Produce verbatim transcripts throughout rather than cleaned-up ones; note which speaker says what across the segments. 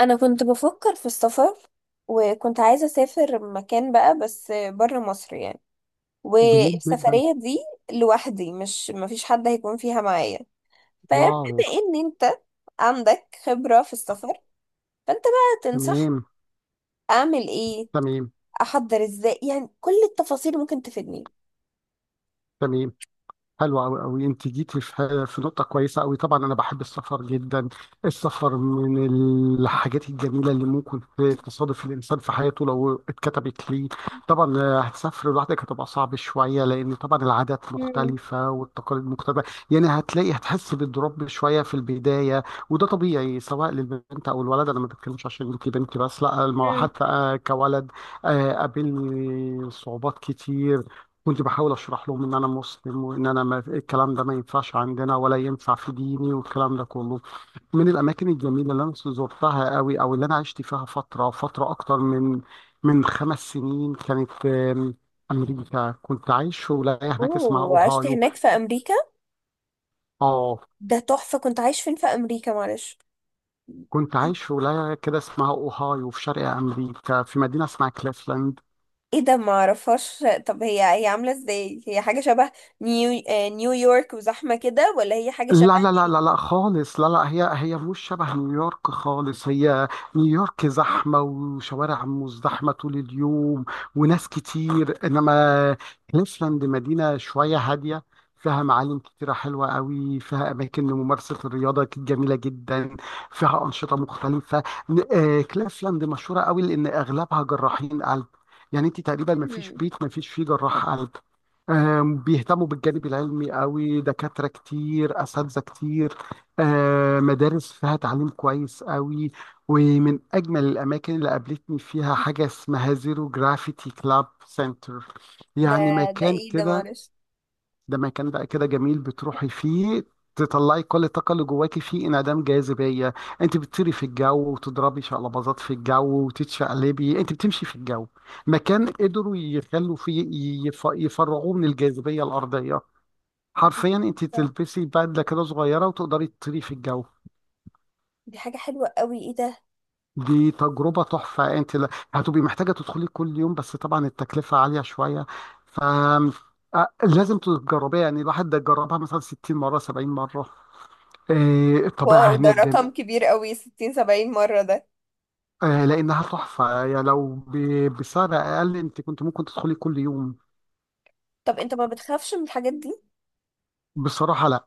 Speaker 1: انا كنت بفكر في السفر، وكنت عايزة اسافر مكان بقى بس بره مصر يعني.
Speaker 2: جميل جدا.
Speaker 1: والسفرية دي لوحدي، مش مفيش حد هيكون فيها معايا. فبما
Speaker 2: واو.
Speaker 1: ان انت عندك خبرة في السفر، فانت بقى تنصح
Speaker 2: تمام.
Speaker 1: اعمل ايه،
Speaker 2: تمام.
Speaker 1: احضر ازاي يعني، كل التفاصيل ممكن تفيدني.
Speaker 2: تمام. حلو قوي قوي، انت جيتي في في نقطه كويسه قوي. طبعا انا بحب السفر جدا. السفر من الحاجات الجميله اللي ممكن ت- تصادف الانسان في حياته لو اتكتبت ليه. طبعا، آه، هتسافر لوحدك، هتبقى صعب شويه لان طبعا العادات
Speaker 1: مم.
Speaker 2: مختلفه والتقاليد مختلفه. يعني هتلاقي، هتحس بالضرب شويه في البدايه. وده طبيعي سواء للبنت او الولد. انا ما بتكلمش عشان انت بنتي، بس لا، الم-
Speaker 1: مم.
Speaker 2: حتى آه، كولد آه، قابلني صعوبات كتير. كنت بحاول اشرح لهم ان انا مسلم، وان انا ما الكلام ده ما ينفعش عندنا ولا ينفع في ديني والكلام ده كله. من الاماكن الجميله اللي انا زرتها قوي او اللي انا عشت فيها فتره فتره اكتر من من خمس سنين كانت آم، امريكا. كنت عايش في ولايه هناك اسمها
Speaker 1: اوه، عشت
Speaker 2: اوهايو.
Speaker 1: هناك في امريكا؟
Speaker 2: اه،
Speaker 1: ده تحفة. كنت عايش فين في امريكا معلش؟
Speaker 2: كنت عايش في ولايه كده اسمها اوهايو في شرق امريكا في مدينه اسمها كليفلاند.
Speaker 1: ايه ده؟ ما اعرفهاش. طب هي هي عامله ازاي؟ هي حاجه شبه نيو آه، نيويورك وزحمه كده، ولا هي حاجه
Speaker 2: لا
Speaker 1: شبه
Speaker 2: لا لا لا
Speaker 1: ايه؟
Speaker 2: لا خالص، لا لا، هي هي مش شبه نيويورك خالص. هي نيويورك زحمة وشوارع مزدحمة طول اليوم وناس كتير، إنما كليفلاند مدينة شوية هادية. فيها معالم كتيرة حلوة قوي، فيها أماكن لممارسة الرياضة جميلة جدا، فيها أنشطة مختلفة. ن- آه، كليفلاند مشهورة قوي لأن أغلبها جراحين قلب. يعني انت تقريبا ما فيش
Speaker 1: مم.
Speaker 2: بيت ما فيش فيه جراح قلب. آم، بيهتموا بالجانب العلمي قوي، دكاترة كتير، أساتذة كتير، آه، مدارس فيها تعليم كويس قوي. ومن أجمل الأماكن اللي قابلتني فيها حاجة اسمها زيرو جرافيتي كلاب سنتر.
Speaker 1: ده
Speaker 2: يعني
Speaker 1: ده
Speaker 2: مكان
Speaker 1: ايه ده
Speaker 2: كده،
Speaker 1: معلش؟
Speaker 2: ده مكان بقى كده جميل بتروحي فيه تطلعي كل الطاقة اللي جواكي، فيه انعدام جاذبية. انت بتطيري في الجو وتضربي شقلباظات في الجو وتتشقلبي، انت بتمشي في الجو. مكان قدروا يخلوا فيه، يف... يفرغوه من الجاذبية الأرضية. حرفيا انت تلبسي بدلة كده صغيرة وتقدري تطيري في الجو.
Speaker 1: دي حاجه حلوه قوي، ايه ده؟
Speaker 2: دي تجربة تحفة، انت لا- هتبقي محتاجة تدخلي كل يوم، بس طبعا التكلفة عالية شوية. ف آه، لازم تجربيها. يعني الواحد ده جربها مثلا ستين مرة، سبعين مرة. آه، الطبيعة
Speaker 1: واو، ده
Speaker 2: هناك جم...
Speaker 1: رقم كبير قوي، ستين سبعين مره ده.
Speaker 2: آه، لأنها تحفة. يعني لو ب... بسعر أقل أنت كنت ممكن تدخلي كل يوم.
Speaker 1: طب انت ما بتخافش من الحاجات دي؟
Speaker 2: بصراحة لا.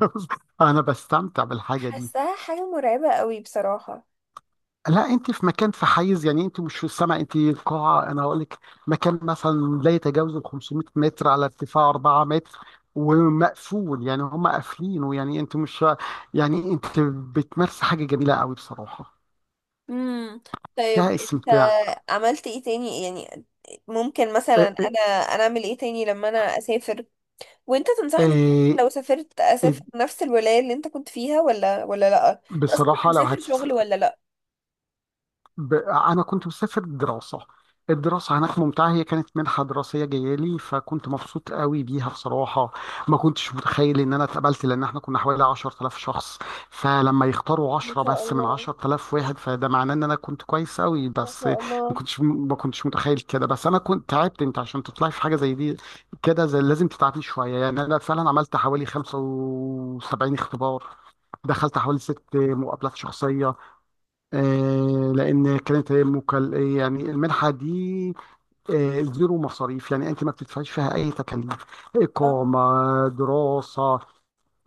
Speaker 2: أنا بستمتع بالحاجة دي.
Speaker 1: حاساها حاجه مرعبه قوي بصراحه.
Speaker 2: لا، أنت في مكان، في حيز، يعني أنت مش في السماء، أنت قاعة. أنا هقول لك، مكان مثلا لا يتجاوز ال خمسمئة متر على ارتفاع اربعة متر ومقفول. يعني هم قافلينه، يعني أنت مش، يعني أنت بتمارسي حاجة جميلة قوي بصراحة،
Speaker 1: امم طيب
Speaker 2: فيها
Speaker 1: انت
Speaker 2: استمتاع.
Speaker 1: عملت ايه تاني يعني؟ ممكن مثلا
Speaker 2: آه، آه،
Speaker 1: انا انا اعمل ايه تاني لما انا اسافر وانت تنصحني؟
Speaker 2: آه،
Speaker 1: لو سافرت اسافر نفس الولاية اللي انت كنت فيها، ولا ولا لا؟ انت اصلا كنت
Speaker 2: بصراحة لو
Speaker 1: مسافر
Speaker 2: هت
Speaker 1: شغل ولا لا؟
Speaker 2: ب... انا كنت مسافر دراسه. الدراسه هناك ممتعه. هي كانت منحه دراسيه جايه لي فكنت مبسوط قوي بيها بصراحه. ما كنتش متخيل ان انا اتقبلت لان احنا كنا حوالي عشر آلاف شخص. فلما يختاروا
Speaker 1: ما
Speaker 2: عشرة
Speaker 1: شاء
Speaker 2: بس من
Speaker 1: الله،
Speaker 2: عشرة آلاف واحد، فده معناه ان انا كنت كويس قوي.
Speaker 1: ما
Speaker 2: بس
Speaker 1: شاء
Speaker 2: ما
Speaker 1: الله.
Speaker 2: كنتش ما كنتش متخيل كده. بس انا كنت تعبت. انت عشان تطلعي في حاجه زي دي كده زي لازم تتعبي شويه. يعني انا فعلا عملت حوالي خمسة وسبعين اختبار، دخلت حوالي ست مقابلات شخصيه. آه، لان كانت هي مكل... يعني المنحه دي آه، زيرو مصاريف. يعني انت ما بتدفعيش فيها اي تكاليف:
Speaker 1: اه.
Speaker 2: اقامه، دراسه،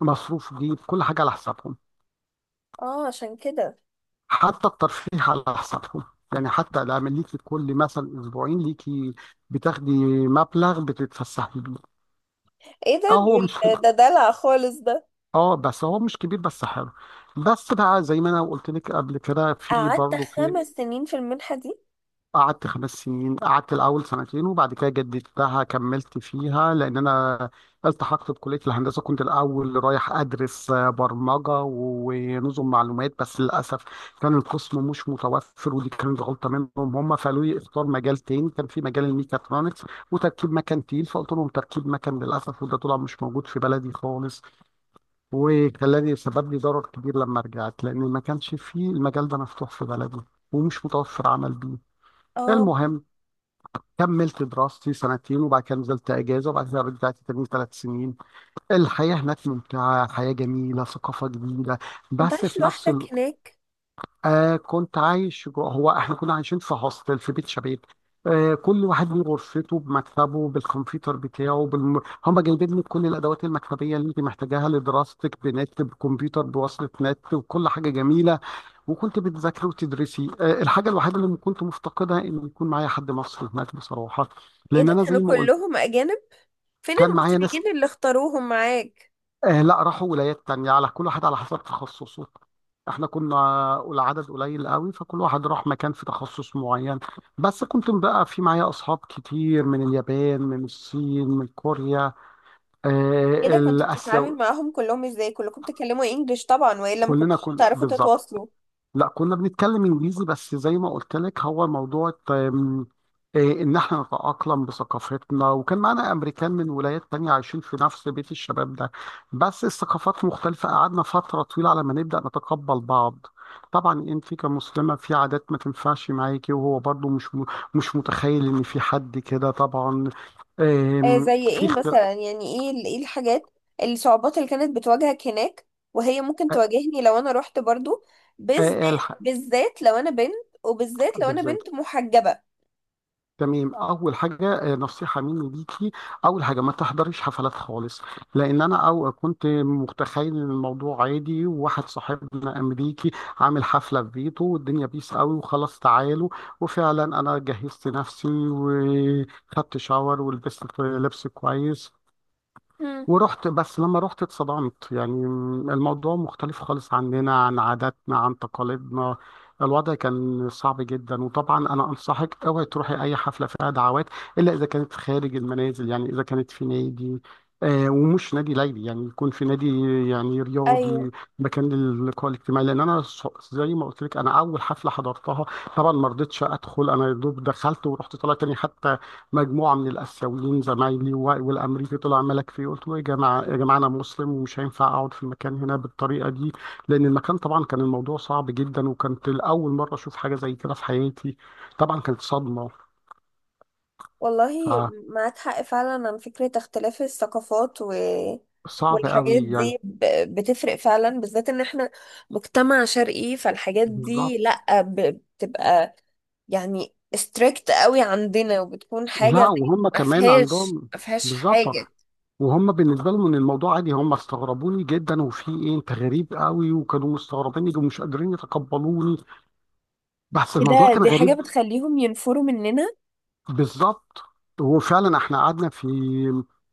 Speaker 2: مصروف جيب، كل حاجه على حسابهم.
Speaker 1: اه، عشان كده.
Speaker 2: حتى الترفيه على حسابهم. يعني حتى لما ليكي كل مثلا اسبوعين ليكي بتاخدي مبلغ بتتفسحي بيه.
Speaker 1: ايه ده؟
Speaker 2: اه هو مش،
Speaker 1: دول- ده دلع خالص ده.
Speaker 2: اه بس هو مش كبير، بس حلو. بس بقى زي ما انا قلت لك قبل كده، في
Speaker 1: قعدت
Speaker 2: برضه في،
Speaker 1: خمس سنين في المنحة دي؟
Speaker 2: قعدت خمس سنين. قعدت الأول سنتين وبعد كده جددتها كملت فيها، لأن أنا التحقت بكلية الهندسة. كنت الأول رايح أدرس آه، برمجة ونظم معلومات، بس للأسف كان القسم مش متوفر ودي كانت غلطة منهم. هم فقالوا لي اختار مجال تاني، كان في مجال الميكاترونكس وتركيب مكن تقيل، فقلت لهم تركيب مكن. للأسف وده طلع مش موجود في بلدي خالص، وخلاني سبب لي ضرر كبير لما رجعت، لأن ما كانش فيه المجال ده مفتوح في بلدي ومش متوفر عمل بيه.
Speaker 1: اه،
Speaker 2: المهم، كملت دراستي سنتين وبعد كده نزلت اجازه وبعد كده رجعت تاني ثلاث سنين. الحياه هناك ممتعه، حياه جميله، ثقافه جديده،
Speaker 1: كنت
Speaker 2: بس
Speaker 1: عايش
Speaker 2: في نفس
Speaker 1: لوحدك
Speaker 2: الوقت،
Speaker 1: هناك؟
Speaker 2: آه كنت عايش جوه. هو احنا كنا عايشين في هوستل، في بيت شباب. آه كل واحد من غرفته، بمكتبه، بالكمبيوتر بتاعه، بالم... هم جايبين لك كل الادوات المكتبيه اللي انت محتاجاها لدراستك، بنت بكمبيوتر بوصله نت وكل حاجه جميله. وكنت بتذاكري وتدرسي. آه، الحاجة الوحيدة اللي كنت مفتقدها إن يكون معايا حد مصري هناك بصراحة،
Speaker 1: ايه
Speaker 2: لأن
Speaker 1: ده؟
Speaker 2: أنا
Speaker 1: كانوا
Speaker 2: زي ما قلت.
Speaker 1: كلهم اجانب؟ فين
Speaker 2: كان معايا ناس،
Speaker 1: المصريين اللي اختاروهم معاك؟
Speaker 2: آه لا، راحوا ولايات تانية، على كل واحد على حسب تخصصه. احنا كنا العدد قليل قوي، فكل واحد راح مكان في تخصص معين. بس كنت بقى في معايا أصحاب كتير من اليابان، من الصين، من كوريا،
Speaker 1: ايه
Speaker 2: آه
Speaker 1: ده؟ كنت
Speaker 2: الآسيا.
Speaker 1: بتتعامل معاهم كلهم ازاي؟ كلكم بتتكلموا انجليش طبعا، والا ما
Speaker 2: كلنا
Speaker 1: كنتش
Speaker 2: كنا
Speaker 1: تعرفوا
Speaker 2: بالظبط،
Speaker 1: تتواصلوا؟
Speaker 2: لا كنا بنتكلم انجليزي. بس زي ما قلت لك، هو موضوع آم، إيه، ان احنا نتأقلم بثقافتنا. وكان معانا امريكان من ولايات تانية عايشين في نفس بيت الشباب ده، بس الثقافات مختلفة، قعدنا فترة طويلة على ما نبدأ نتقبل بعض. طبعا انت كمسلمة في عادات ما تنفعش معاكي، وهو برضو مش م- مش متخيل ان في حد كده طبعا.
Speaker 1: آه،
Speaker 2: آم،
Speaker 1: زي
Speaker 2: في
Speaker 1: ايه
Speaker 2: اختلاف.
Speaker 1: مثلا يعني، ايه ال- ايه الحاجات الصعوبات اللي كانت بتواجهك هناك، وهي ممكن تواجهني لو انا رحت برضو، بالذات. بالذات لو انا بنت، وبالذات لو انا بنت
Speaker 2: بالظبط.
Speaker 1: محجبة؟
Speaker 2: تمام، اول حاجه آه، نصيحه مني ليكي: اول حاجه ما تحضريش حفلات خالص. لان انا او كنت متخيل ان الموضوع عادي، وواحد صاحبنا امريكي عامل حفله في بيته والدنيا بيس قوي وخلاص تعالوا. وفعلا انا جهزت نفسي وخدت شاور ولبست لبس كويس
Speaker 1: مم.
Speaker 2: ورحت. بس لما رحت اتصدمت يعني. الموضوع مختلف خالص عننا، عن عاداتنا، عن تقاليدنا. الوضع كان صعب جدا، وطبعا انا انصحك اوعي تروحي اي حفله فيها دعوات، الا اذا كانت خارج المنازل. يعني اذا كانت في نادي، آه ومش نادي ليلي، يعني يكون في نادي يعني
Speaker 1: ايوه،
Speaker 2: رياضي، مكان للقاء الاجتماعي. لان انا ص- زي ما قلت لك، انا اول حفله حضرتها طبعا ما رضيتش ادخل. انا يا دوب دخلت ورحت طالع تاني. حتى مجموعه من الاسيويين زمايلي و- والامريكي طلع ملك فيه. قلت له يا جماعه، يا جماعه، انا مسلم ومش هينفع اقعد في المكان هنا بالطريقه دي. لان المكان طبعا كان الموضوع صعب جدا، وكانت اول مره اشوف حاجه زي كده في حياتي. طبعا كانت صدمه،
Speaker 1: والله معاك حق فعلا. عن فكرة اختلاف الثقافات و...
Speaker 2: فصعب
Speaker 1: والحاجات
Speaker 2: قوي يعني.
Speaker 1: دي ب... بتفرق فعلا، بالذات ان احنا مجتمع شرقي، فالحاجات دي
Speaker 2: بالظبط.
Speaker 1: لا، ب... بتبقى يعني ستريكت قوي عندنا، وبتكون
Speaker 2: لا،
Speaker 1: حاجة
Speaker 2: وهم
Speaker 1: ما
Speaker 2: كمان
Speaker 1: فيهاش
Speaker 2: عندهم.
Speaker 1: ما فيهاش
Speaker 2: بالظبط،
Speaker 1: حاجة.
Speaker 2: وهم بالنسبه لهم ان الموضوع عادي. هم استغربوني جدا، وفي ايه انت غريب قوي، وكانوا مستغربيني ومش قادرين يتقبلوني. بس
Speaker 1: ايه
Speaker 2: الموضوع
Speaker 1: ده؟
Speaker 2: كان
Speaker 1: دي حاجة
Speaker 2: غريب.
Speaker 1: بتخليهم ينفروا مننا؟
Speaker 2: بالظبط. وفعلا احنا قعدنا في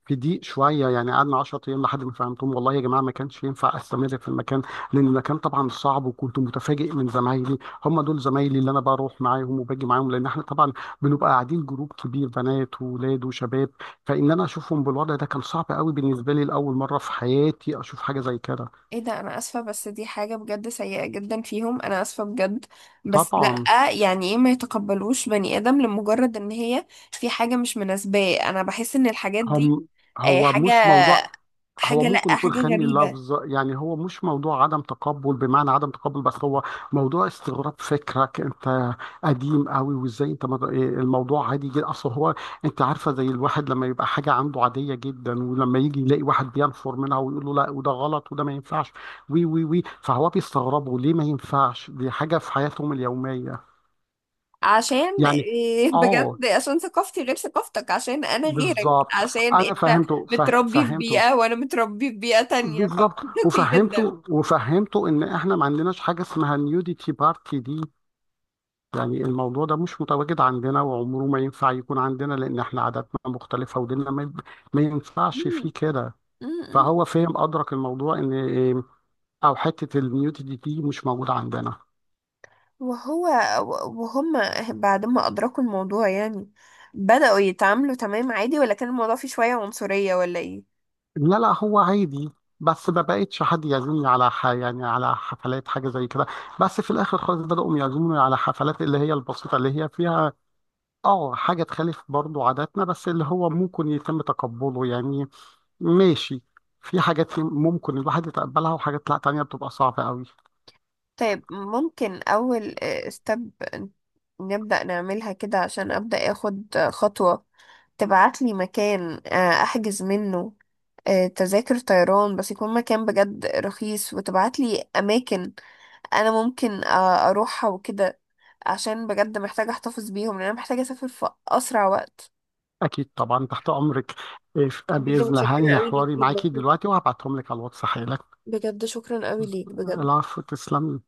Speaker 2: في ضيق شويه، يعني قعدنا عشر ايام لحد ما فهمتهم والله يا جماعه ما كانش ينفع استمر في المكان. لان المكان طبعا صعب، وكنت متفاجئ من زمايلي، هم دول زمايلي اللي انا بروح معاهم وباجي معاهم. لان احنا طبعا بنبقى قاعدين جروب كبير، بنات واولاد وشباب، فان انا اشوفهم بالوضع ده كان صعب قوي بالنسبه لي. لاول مره في حياتي اشوف حاجه زي كده.
Speaker 1: ايه ده؟ انا اسفة. بس دي حاجة بجد سيئة جدا فيهم، انا اسفة بجد. بس
Speaker 2: طبعا.
Speaker 1: لا يعني، ايه؟ ما يتقبلوش بني ادم لمجرد ان هي في حاجة مش مناسباه. انا بحس ان الحاجات دي
Speaker 2: هم،
Speaker 1: آه،
Speaker 2: هو
Speaker 1: حاجة
Speaker 2: مش موضوع، هو
Speaker 1: حاجة
Speaker 2: ممكن
Speaker 1: لا
Speaker 2: يكون
Speaker 1: حاجة
Speaker 2: خني
Speaker 1: غريبة.
Speaker 2: اللفظ. يعني هو مش موضوع عدم تقبل بمعنى عدم تقبل، بس هو موضوع استغراب. فكرك انت قديم قوي، وازاي انت مر- إيه الموضوع عادي جدا. اصل هو، انت عارفه، زي الواحد لما يبقى حاجه عنده عاديه جدا، ولما يجي يلاقي واحد بينفر منها ويقول له لا وده غلط وده ما ينفعش، وي وي وي، فهو بيستغربه. ليه ما ينفعش؟ دي حاجه في حياتهم اليوميه
Speaker 1: عشان
Speaker 2: يعني.
Speaker 1: إيه،
Speaker 2: اه،
Speaker 1: بجد، عشان ثقافتي غير ثقافتك، عشان انا غيرك،
Speaker 2: بالظبط.
Speaker 1: عشان
Speaker 2: انا
Speaker 1: انت
Speaker 2: فهمته فه-
Speaker 1: متربي في
Speaker 2: فهمته.
Speaker 1: بيئة وانا متربي في بيئة تانية،
Speaker 2: بالظبط
Speaker 1: فمنطقي جدا.
Speaker 2: وفهمته. وفهمته ان احنا ما عندناش حاجه اسمها نيوديتي بارتي دي. يعني الموضوع ده مش متواجد عندنا وعمره ما ينفع يكون عندنا، لان احنا عاداتنا مختلفه وديننا ما, ما ينفعش فيه
Speaker 1: مم.
Speaker 2: كده.
Speaker 1: مم.
Speaker 2: فهو فهم، ادرك الموضوع ان إيه، او حته النيوديتي دي مش موجوده عندنا.
Speaker 1: وهو وهم بعد ما أدركوا الموضوع يعني بدأوا يتعاملوا تمام عادي، ولا كان الموضوع فيه شوية عنصرية، ولا ايه؟
Speaker 2: لا لا، هو عادي، بس ما بقتش حد يعزمني على ح... يعني على حفلات حاجه زي كده. بس في الاخر خالص بداوا يعزموني على حفلات اللي هي البسيطه، اللي هي فيها اه حاجة تخالف برضو عاداتنا بس اللي هو ممكن يتم تقبله يعني. ماشي. في حاجات ممكن الواحد يتقبلها وحاجات لا، تانية بتبقى صعبة قوي.
Speaker 1: طيب، ممكن أول ستيب نبدأ نعملها كده عشان أبدأ أخد خطوة؟ تبعتلي مكان آه، أحجز منه آه، تذاكر طيران، بس يكون مكان بجد رخيص، وتبعت لي اماكن انا ممكن آه، اروحها وكده، عشان بجد محتاجة احتفظ بيهم، لان انا محتاجة اسافر في اسرع وقت.
Speaker 2: أكيد طبعا، تحت أمرك. إيه،
Speaker 1: بجد
Speaker 2: بإذن الله
Speaker 1: متشكرة
Speaker 2: هنهي
Speaker 1: قوي ليك
Speaker 2: حواري
Speaker 1: والله،
Speaker 2: معاكي دلوقتي وهبعتهم لك على الواتس حالا.
Speaker 1: بجد شكرا قوي ليك بجد.
Speaker 2: العفو، تسلم.